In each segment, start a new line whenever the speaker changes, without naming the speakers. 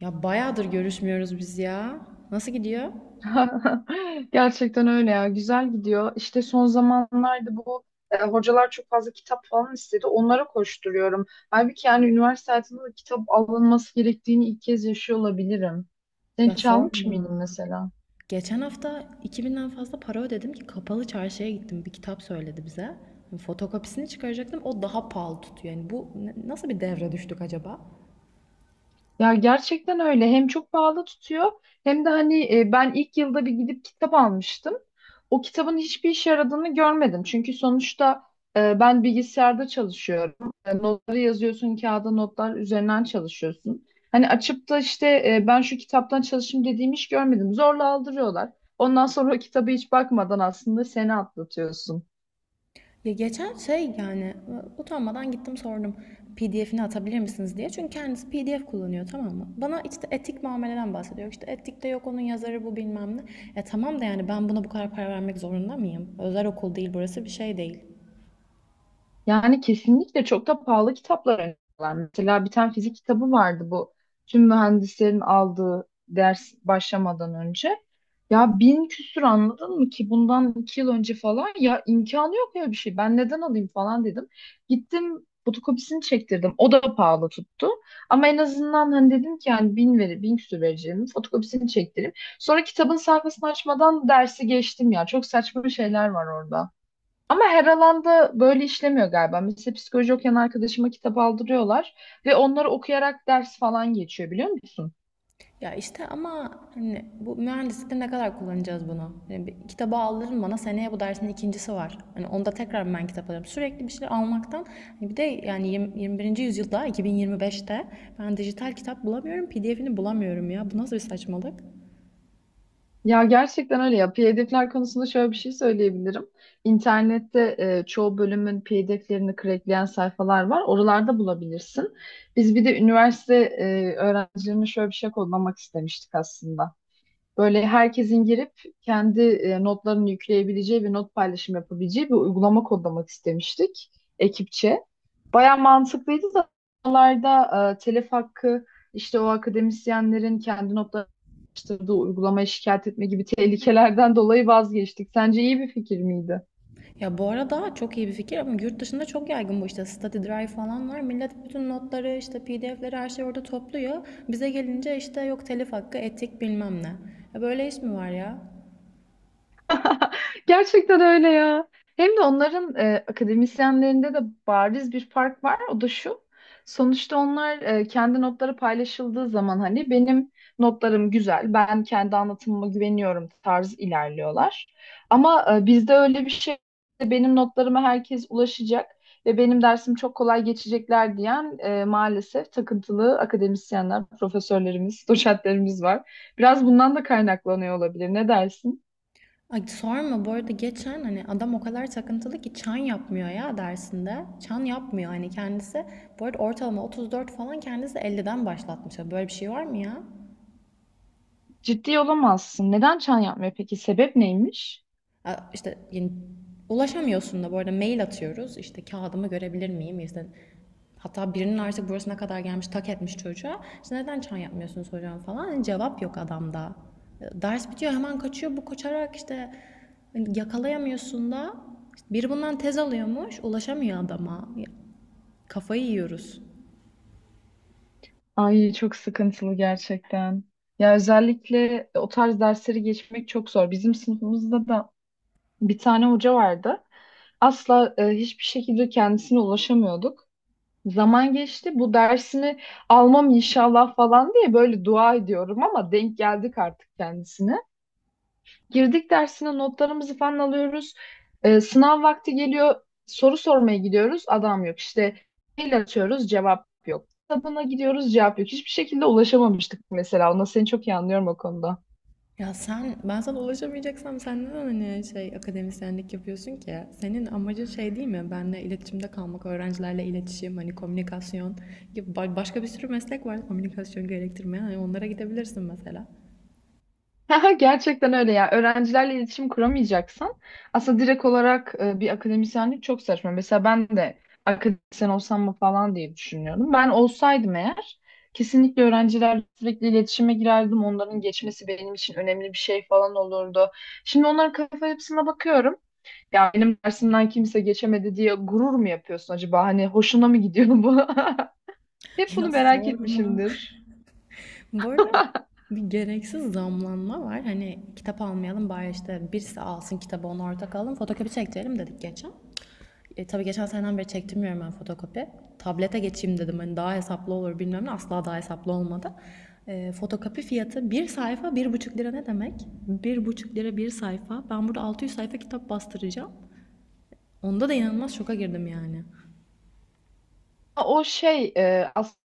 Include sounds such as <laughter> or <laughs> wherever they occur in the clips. Ya bayağıdır görüşmüyoruz biz ya. Nasıl gidiyor?
<laughs> Gerçekten öyle ya. Güzel gidiyor. İşte son zamanlarda bu hocalar çok fazla kitap falan istedi. Onlara koşturuyorum. Halbuki yani üniversite hayatında da kitap alınması gerektiğini ilk kez yaşıyor olabilirim. Sen
Ya
hiç almış mıydın
sorma.
mesela?
Geçen hafta 2000'den fazla para ödedim ki kapalı çarşıya gittim. Bir kitap söyledi bize. Fotokopisini çıkaracaktım. O daha pahalı tutuyor. Yani bu nasıl bir devre düştük acaba?
Ya gerçekten öyle. Hem çok pahalı tutuyor hem de hani ben ilk yılda bir gidip kitap almıştım. O kitabın hiçbir işe yaradığını görmedim. Çünkü sonuçta ben bilgisayarda çalışıyorum. Notları yazıyorsun, kağıda notlar üzerinden çalışıyorsun. Hani açıp da işte ben şu kitaptan çalışayım dediğim iş görmedim. Zorla aldırıyorlar. Ondan sonra o kitabı hiç bakmadan aslında seni atlatıyorsun.
Ya geçen şey yani utanmadan gittim sordum. PDF'ini atabilir misiniz diye. Çünkü kendisi PDF kullanıyor, tamam mı? Bana işte etik muameleden bahsediyor. İşte etikte yok, onun yazarı bu bilmem ne. E tamam da yani ben buna bu kadar para vermek zorunda mıyım? Özel okul değil burası, bir şey değil.
Yani kesinlikle çok da pahalı kitaplar öneriyorlar. Mesela bir tane fizik kitabı vardı bu. Tüm mühendislerin aldığı ders başlamadan önce. Ya 1000 küsür anladın mı ki bundan 2 yıl önce falan ya imkanı yok ya bir şey. Ben neden alayım falan dedim. Gittim fotokopisini çektirdim. O da pahalı tuttu. Ama en azından hani dedim ki yani 1000 küsür vereceğim. Fotokopisini çektireyim. Sonra kitabın sayfasını açmadan dersi geçtim ya. Çok saçma şeyler var orada. Ama her alanda böyle işlemiyor galiba. Mesela psikoloji okuyan arkadaşıma kitap aldırıyorlar ve onları okuyarak ders falan geçiyor biliyor musun?
Ya işte ama hani bu mühendislikte ne kadar kullanacağız bunu? Yani bir kitabı aldırın bana, seneye bu dersin ikincisi var. Hani onda tekrar ben kitap alırım. Sürekli bir şeyler almaktan hani bir de yani 21. yüzyılda 2025'te ben dijital kitap bulamıyorum, PDF'ini bulamıyorum ya. Bu nasıl bir saçmalık?
Ya gerçekten öyle ya. PDF'ler konusunda şöyle bir şey söyleyebilirim. İnternette çoğu bölümün PDF'lerini crackleyen sayfalar var. Oralarda bulabilirsin. Biz bir de üniversite öğrencilerine şöyle bir şey kodlamak istemiştik aslında. Böyle herkesin girip kendi notlarını yükleyebileceği ve not paylaşım yapabileceği bir uygulama kodlamak istemiştik ekipçe. Baya mantıklıydı da oralarda telif hakkı işte o akademisyenlerin kendi notlarını uygulamayı şikayet etme gibi <laughs> tehlikelerden dolayı vazgeçtik. Sence iyi bir fikir miydi?
Ya bu arada çok iyi bir fikir ama yurt dışında çok yaygın bu işte. Study Drive falan var. Millet bütün notları işte PDF'leri her şeyi orada topluyor. Bize gelince işte yok telif hakkı, etik bilmem ne. Ya böyle iş mi var ya?
<laughs> Gerçekten öyle ya. Hem de onların akademisyenlerinde de bariz bir fark var. O da şu. Sonuçta onlar kendi notları paylaşıldığı zaman hani benim notlarım güzel, ben kendi anlatımıma güveniyorum tarz ilerliyorlar. Ama bizde öyle bir şey benim notlarıma herkes ulaşacak ve benim dersim çok kolay geçecekler diyen maalesef takıntılı akademisyenler, profesörlerimiz, <laughs> doçentlerimiz var. Biraz bundan da kaynaklanıyor olabilir. Ne dersin?
Ay sorma, bu arada geçen hani adam o kadar takıntılı ki çan yapmıyor ya dersinde. Çan yapmıyor hani kendisi. Bu arada ortalama 34 falan, kendisi 50'den başlatmış. Ya böyle bir şey var mı ya?
Ciddi olamazsın. Neden çan yapmıyor peki? Sebep neymiş?
Ha, İşte yani ulaşamıyorsun da, bu arada mail atıyoruz. İşte kağıdımı görebilir miyim? İşte hatta birinin artık burasına kadar gelmiş, tak etmiş çocuğa. İşte neden çay yapmıyorsunuz hocam falan. Yani cevap yok adamda. Ders bitiyor, hemen kaçıyor. Bu kaçarak işte hani yakalayamıyorsun da. İşte biri bundan tez alıyormuş. Ulaşamıyor adama. Kafayı yiyoruz.
Ay çok sıkıntılı gerçekten. Ya özellikle o tarz dersleri geçmek çok zor. Bizim sınıfımızda da bir tane hoca vardı. Asla hiçbir şekilde kendisine ulaşamıyorduk. Zaman geçti. Bu dersini almam inşallah falan diye böyle dua ediyorum ama denk geldik artık kendisine. Girdik dersine notlarımızı falan alıyoruz. Sınav vakti geliyor. Soru sormaya gidiyoruz. Adam yok. İşte mail atıyoruz. Cevap yok. Kitabına gidiyoruz. Cevap yok. Hiçbir şekilde ulaşamamıştık mesela. Ona seni çok iyi anlıyorum o konuda.
Ya sen, ben sana ulaşamayacaksam sen neden hani şey akademisyenlik yapıyorsun ki? Senin amacın şey değil mi? Benle iletişimde kalmak, öğrencilerle iletişim, hani komünikasyon gibi başka bir sürü meslek var komünikasyon gerektirmeyen. Hani onlara gidebilirsin mesela.
<laughs> Haha, gerçekten öyle ya. Öğrencilerle iletişim kuramayacaksın. Aslında direkt olarak bir akademisyenlik çok saçma. Mesela ben de akademisyen olsam mı falan diye düşünüyordum. Ben olsaydım eğer kesinlikle öğrencilerle sürekli iletişime girerdim. Onların geçmesi benim için önemli bir şey falan olurdu. Şimdi onların kafa yapısına bakıyorum. Ya benim dersimden kimse geçemedi diye gurur mu yapıyorsun acaba? Hani hoşuna mı gidiyor bu? <laughs>
<laughs>
Hep bunu
Ya
merak
sorma.
etmişimdir.
Bu arada bir gereksiz zamlanma var. Hani kitap almayalım bari, işte birisi alsın kitabı onu ortak alalım. Fotokopi çektirelim dedik geçen. Tabii geçen seneden beri çektirmiyorum ben fotokopi. Tablete geçeyim dedim hani, daha hesaplı olur bilmem ne. Asla daha hesaplı olmadı. Fotokopi fiyatı bir sayfa 1,5 lira ne demek? 1,5 lira bir sayfa. Ben burada 600 sayfa kitap bastıracağım. Onda da inanılmaz şoka girdim yani.
O şey aslında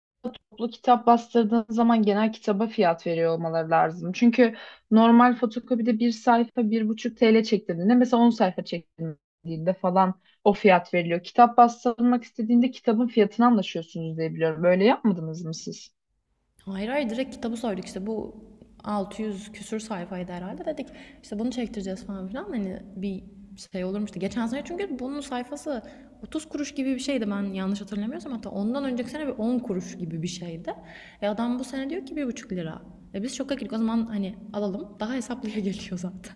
toplu kitap bastırdığın zaman genel kitaba fiyat veriyor olmaları lazım. Çünkü normal fotokopide bir sayfa 1,5 TL çektirdiğinde mesela 10 sayfa çektirdiğinde falan o fiyat veriliyor. Kitap bastırmak istediğinde kitabın fiyatını anlaşıyorsunuz diye biliyorum. Böyle yapmadınız mı siz?
Hayır, hayır, direkt kitabı söyledik işte bu 600 küsür sayfaydı herhalde dedik, işte bunu çektireceğiz falan filan, hani bir şey olurmuştu. Geçen sene çünkü bunun sayfası 30 kuruş gibi bir şeydi, ben yanlış hatırlamıyorsam, hatta ondan önceki sene bir 10 kuruş gibi bir şeydi. E adam bu sene diyor ki 1,5 lira. E biz şoka girdik o zaman, hani alalım daha hesaplıya <laughs> geliyor zaten.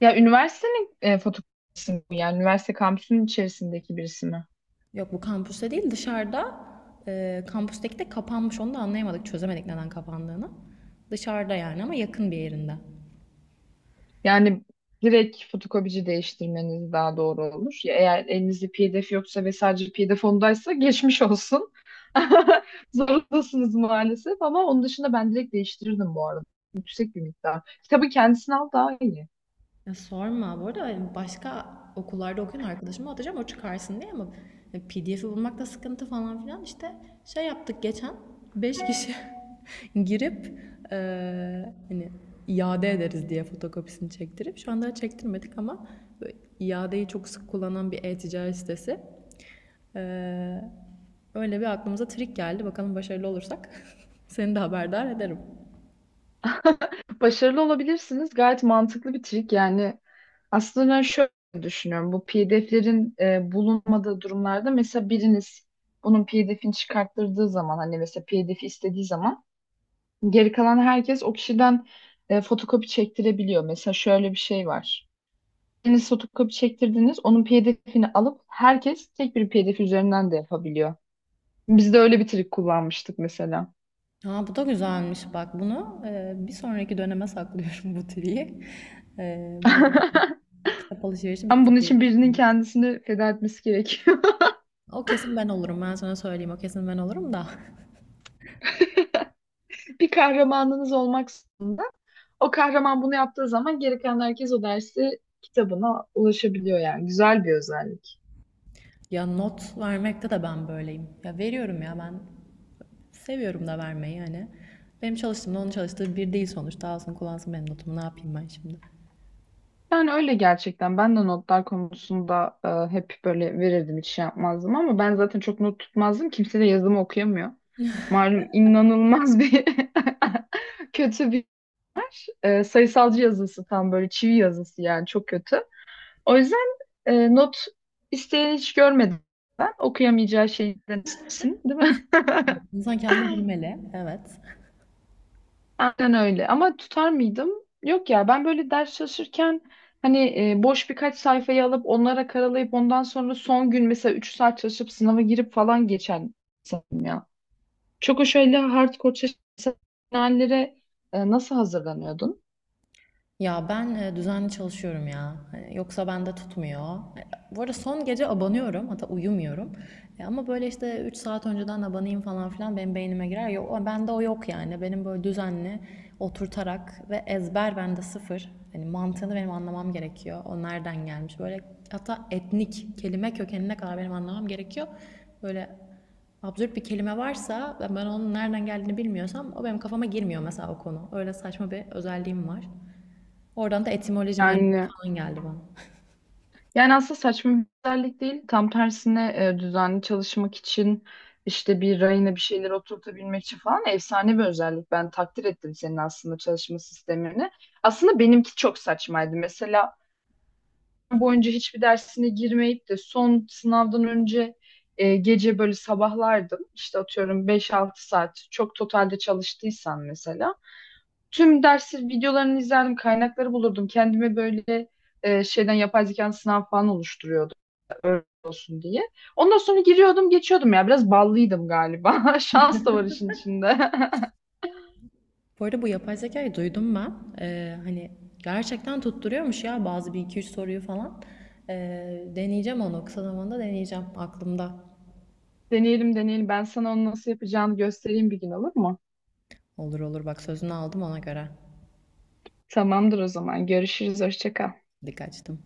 Ya üniversitenin fotokopisini yani üniversite kampüsünün içerisindeki birisi mi?
Yok, bu kampüste değil dışarıda, kampüsteki de kapanmış, onu da anlayamadık çözemedik neden kapandığını. Dışarıda yani, ama yakın bir yerinde.
Yani direkt fotokopici değiştirmeniz daha doğru olur. Ya eğer elinizde PDF yoksa ve sadece PDF ondaysa geçmiş olsun. <laughs> Zorundasınız maalesef ama onun dışında ben direkt değiştirirdim bu arada. Yüksek bir miktar. Kitabı kendisini al daha iyi.
Ya sorma. Bu arada hani, başka okullarda okuyan arkadaşıma atacağım o çıkarsın diye, ama PDF'i bulmakta sıkıntı falan filan işte şey yaptık geçen 5 kişi <laughs> girip hani iade ederiz diye fotokopisini çektirip şu anda çektirmedik ama böyle iadeyi çok sık kullanan bir e-ticaret sitesi. Eee, öyle bir aklımıza trik geldi. Bakalım başarılı olursak <laughs> seni de haberdar ederim.
Başarılı olabilirsiniz. Gayet mantıklı bir trik. Yani aslında ben şöyle düşünüyorum. Bu PDF'lerin bulunmadığı durumlarda mesela biriniz bunun PDF'ini çıkarttırdığı zaman hani mesela PDF istediği zaman geri kalan herkes o kişiden fotokopi çektirebiliyor. Mesela şöyle bir şey var. Siz fotokopi çektirdiniz, onun PDF'ini alıp herkes tek bir PDF üzerinden de yapabiliyor. Biz de öyle bir trik kullanmıştık mesela.
Ha, bu da güzelmiş bak, bunu bir sonraki döneme saklıyorum <laughs> bu triyi. Bu dönem
<laughs>
kitap alışverişi
Ama
bitti
bunun
diye
için birinin
düşünüyorum.
kendisini feda etmesi gerekiyor.
O kesin ben olurum, ben sana söyleyeyim, o kesin ben olurum da. <laughs>
<laughs> Bir kahramanınız olmak zorunda. O kahraman bunu yaptığı zaman geri kalan herkes o dersi kitabına ulaşabiliyor yani. Güzel bir özellik.
Ya not vermekte de ben böyleyim. Ya veriyorum, ya ben seviyorum da vermeyi hani. Benim çalıştığımda onun çalıştığı bir değil, sonuçta alsın kullansın benim notumu, ne yapayım ben şimdi.
Yani öyle gerçekten. Ben de notlar konusunda hep böyle verirdim hiç şey yapmazdım ama ben zaten çok not tutmazdım. Kimse de yazımı okuyamıyor. Malum inanılmaz bir <laughs> kötü bir sayısalcı yazısı tam böyle çivi yazısı yani çok kötü. O yüzden not isteyen hiç görmedim ben. Okuyamayacağı şeyden istesin, değil mi? <laughs>
İnsan kendini bilmeli, evet.
Aynen öyle. Ama tutar mıydım? Yok ya ben böyle ders çalışırken hani boş birkaç sayfayı alıp onlara karalayıp ondan sonra son gün mesela 3 saat çalışıp sınava girip falan geçen insanım ya. Çok o şöyle hardcore çalışan hallere nasıl hazırlanıyordun?
Ya ben düzenli çalışıyorum ya. Hani yoksa bende tutmuyor. Bu arada son gece abanıyorum. Hatta uyumuyorum. Ama böyle işte 3 saat önceden abanayım falan filan benim beynime girer. Yok, bende o yok yani. Benim böyle düzenli oturtarak ve ezber bende sıfır. Hani mantığını benim anlamam gerekiyor. O nereden gelmiş? Böyle hatta etnik kelime kökenine kadar benim anlamam gerekiyor. Böyle absürt bir kelime varsa ve ben onun nereden geldiğini bilmiyorsam o benim kafama girmiyor mesela o konu. Öyle saçma bir özelliğim var. Oradan da etimoloji merakı
Yani
falan geldi bana.
Yani aslında saçma bir özellik değil. Tam tersine düzenli çalışmak için işte bir rayına bir şeyler oturtabilmek için falan efsane bir özellik. Ben takdir ettim senin aslında çalışma sistemini. Aslında benimki çok saçmaydı. Mesela boyunca hiçbir dersine girmeyip de son sınavdan önce gece böyle sabahlardım. İşte atıyorum 5-6 saat çok totalde çalıştıysan mesela. Tüm dersi videolarını izlerdim, kaynakları bulurdum. Kendime böyle şeyden yapay zekanın sınav falan oluşturuyordum öyle olsun diye. Ondan sonra giriyordum geçiyordum ya biraz ballıydım galiba. <laughs> Şans da var işin içinde.
Bu arada bu yapay zekayı duydum ben. Hani gerçekten tutturuyormuş ya bazı bir iki üç soruyu falan. Deneyeceğim onu kısa zamanda deneyeceğim. Aklımda.
<laughs> Deneyelim deneyelim ben sana onu nasıl yapacağını göstereyim bir gün olur mu?
Olur olur, bak sözünü aldım ona göre.
Tamamdır o zaman görüşürüz hoşça kal.
Dikkat ettim.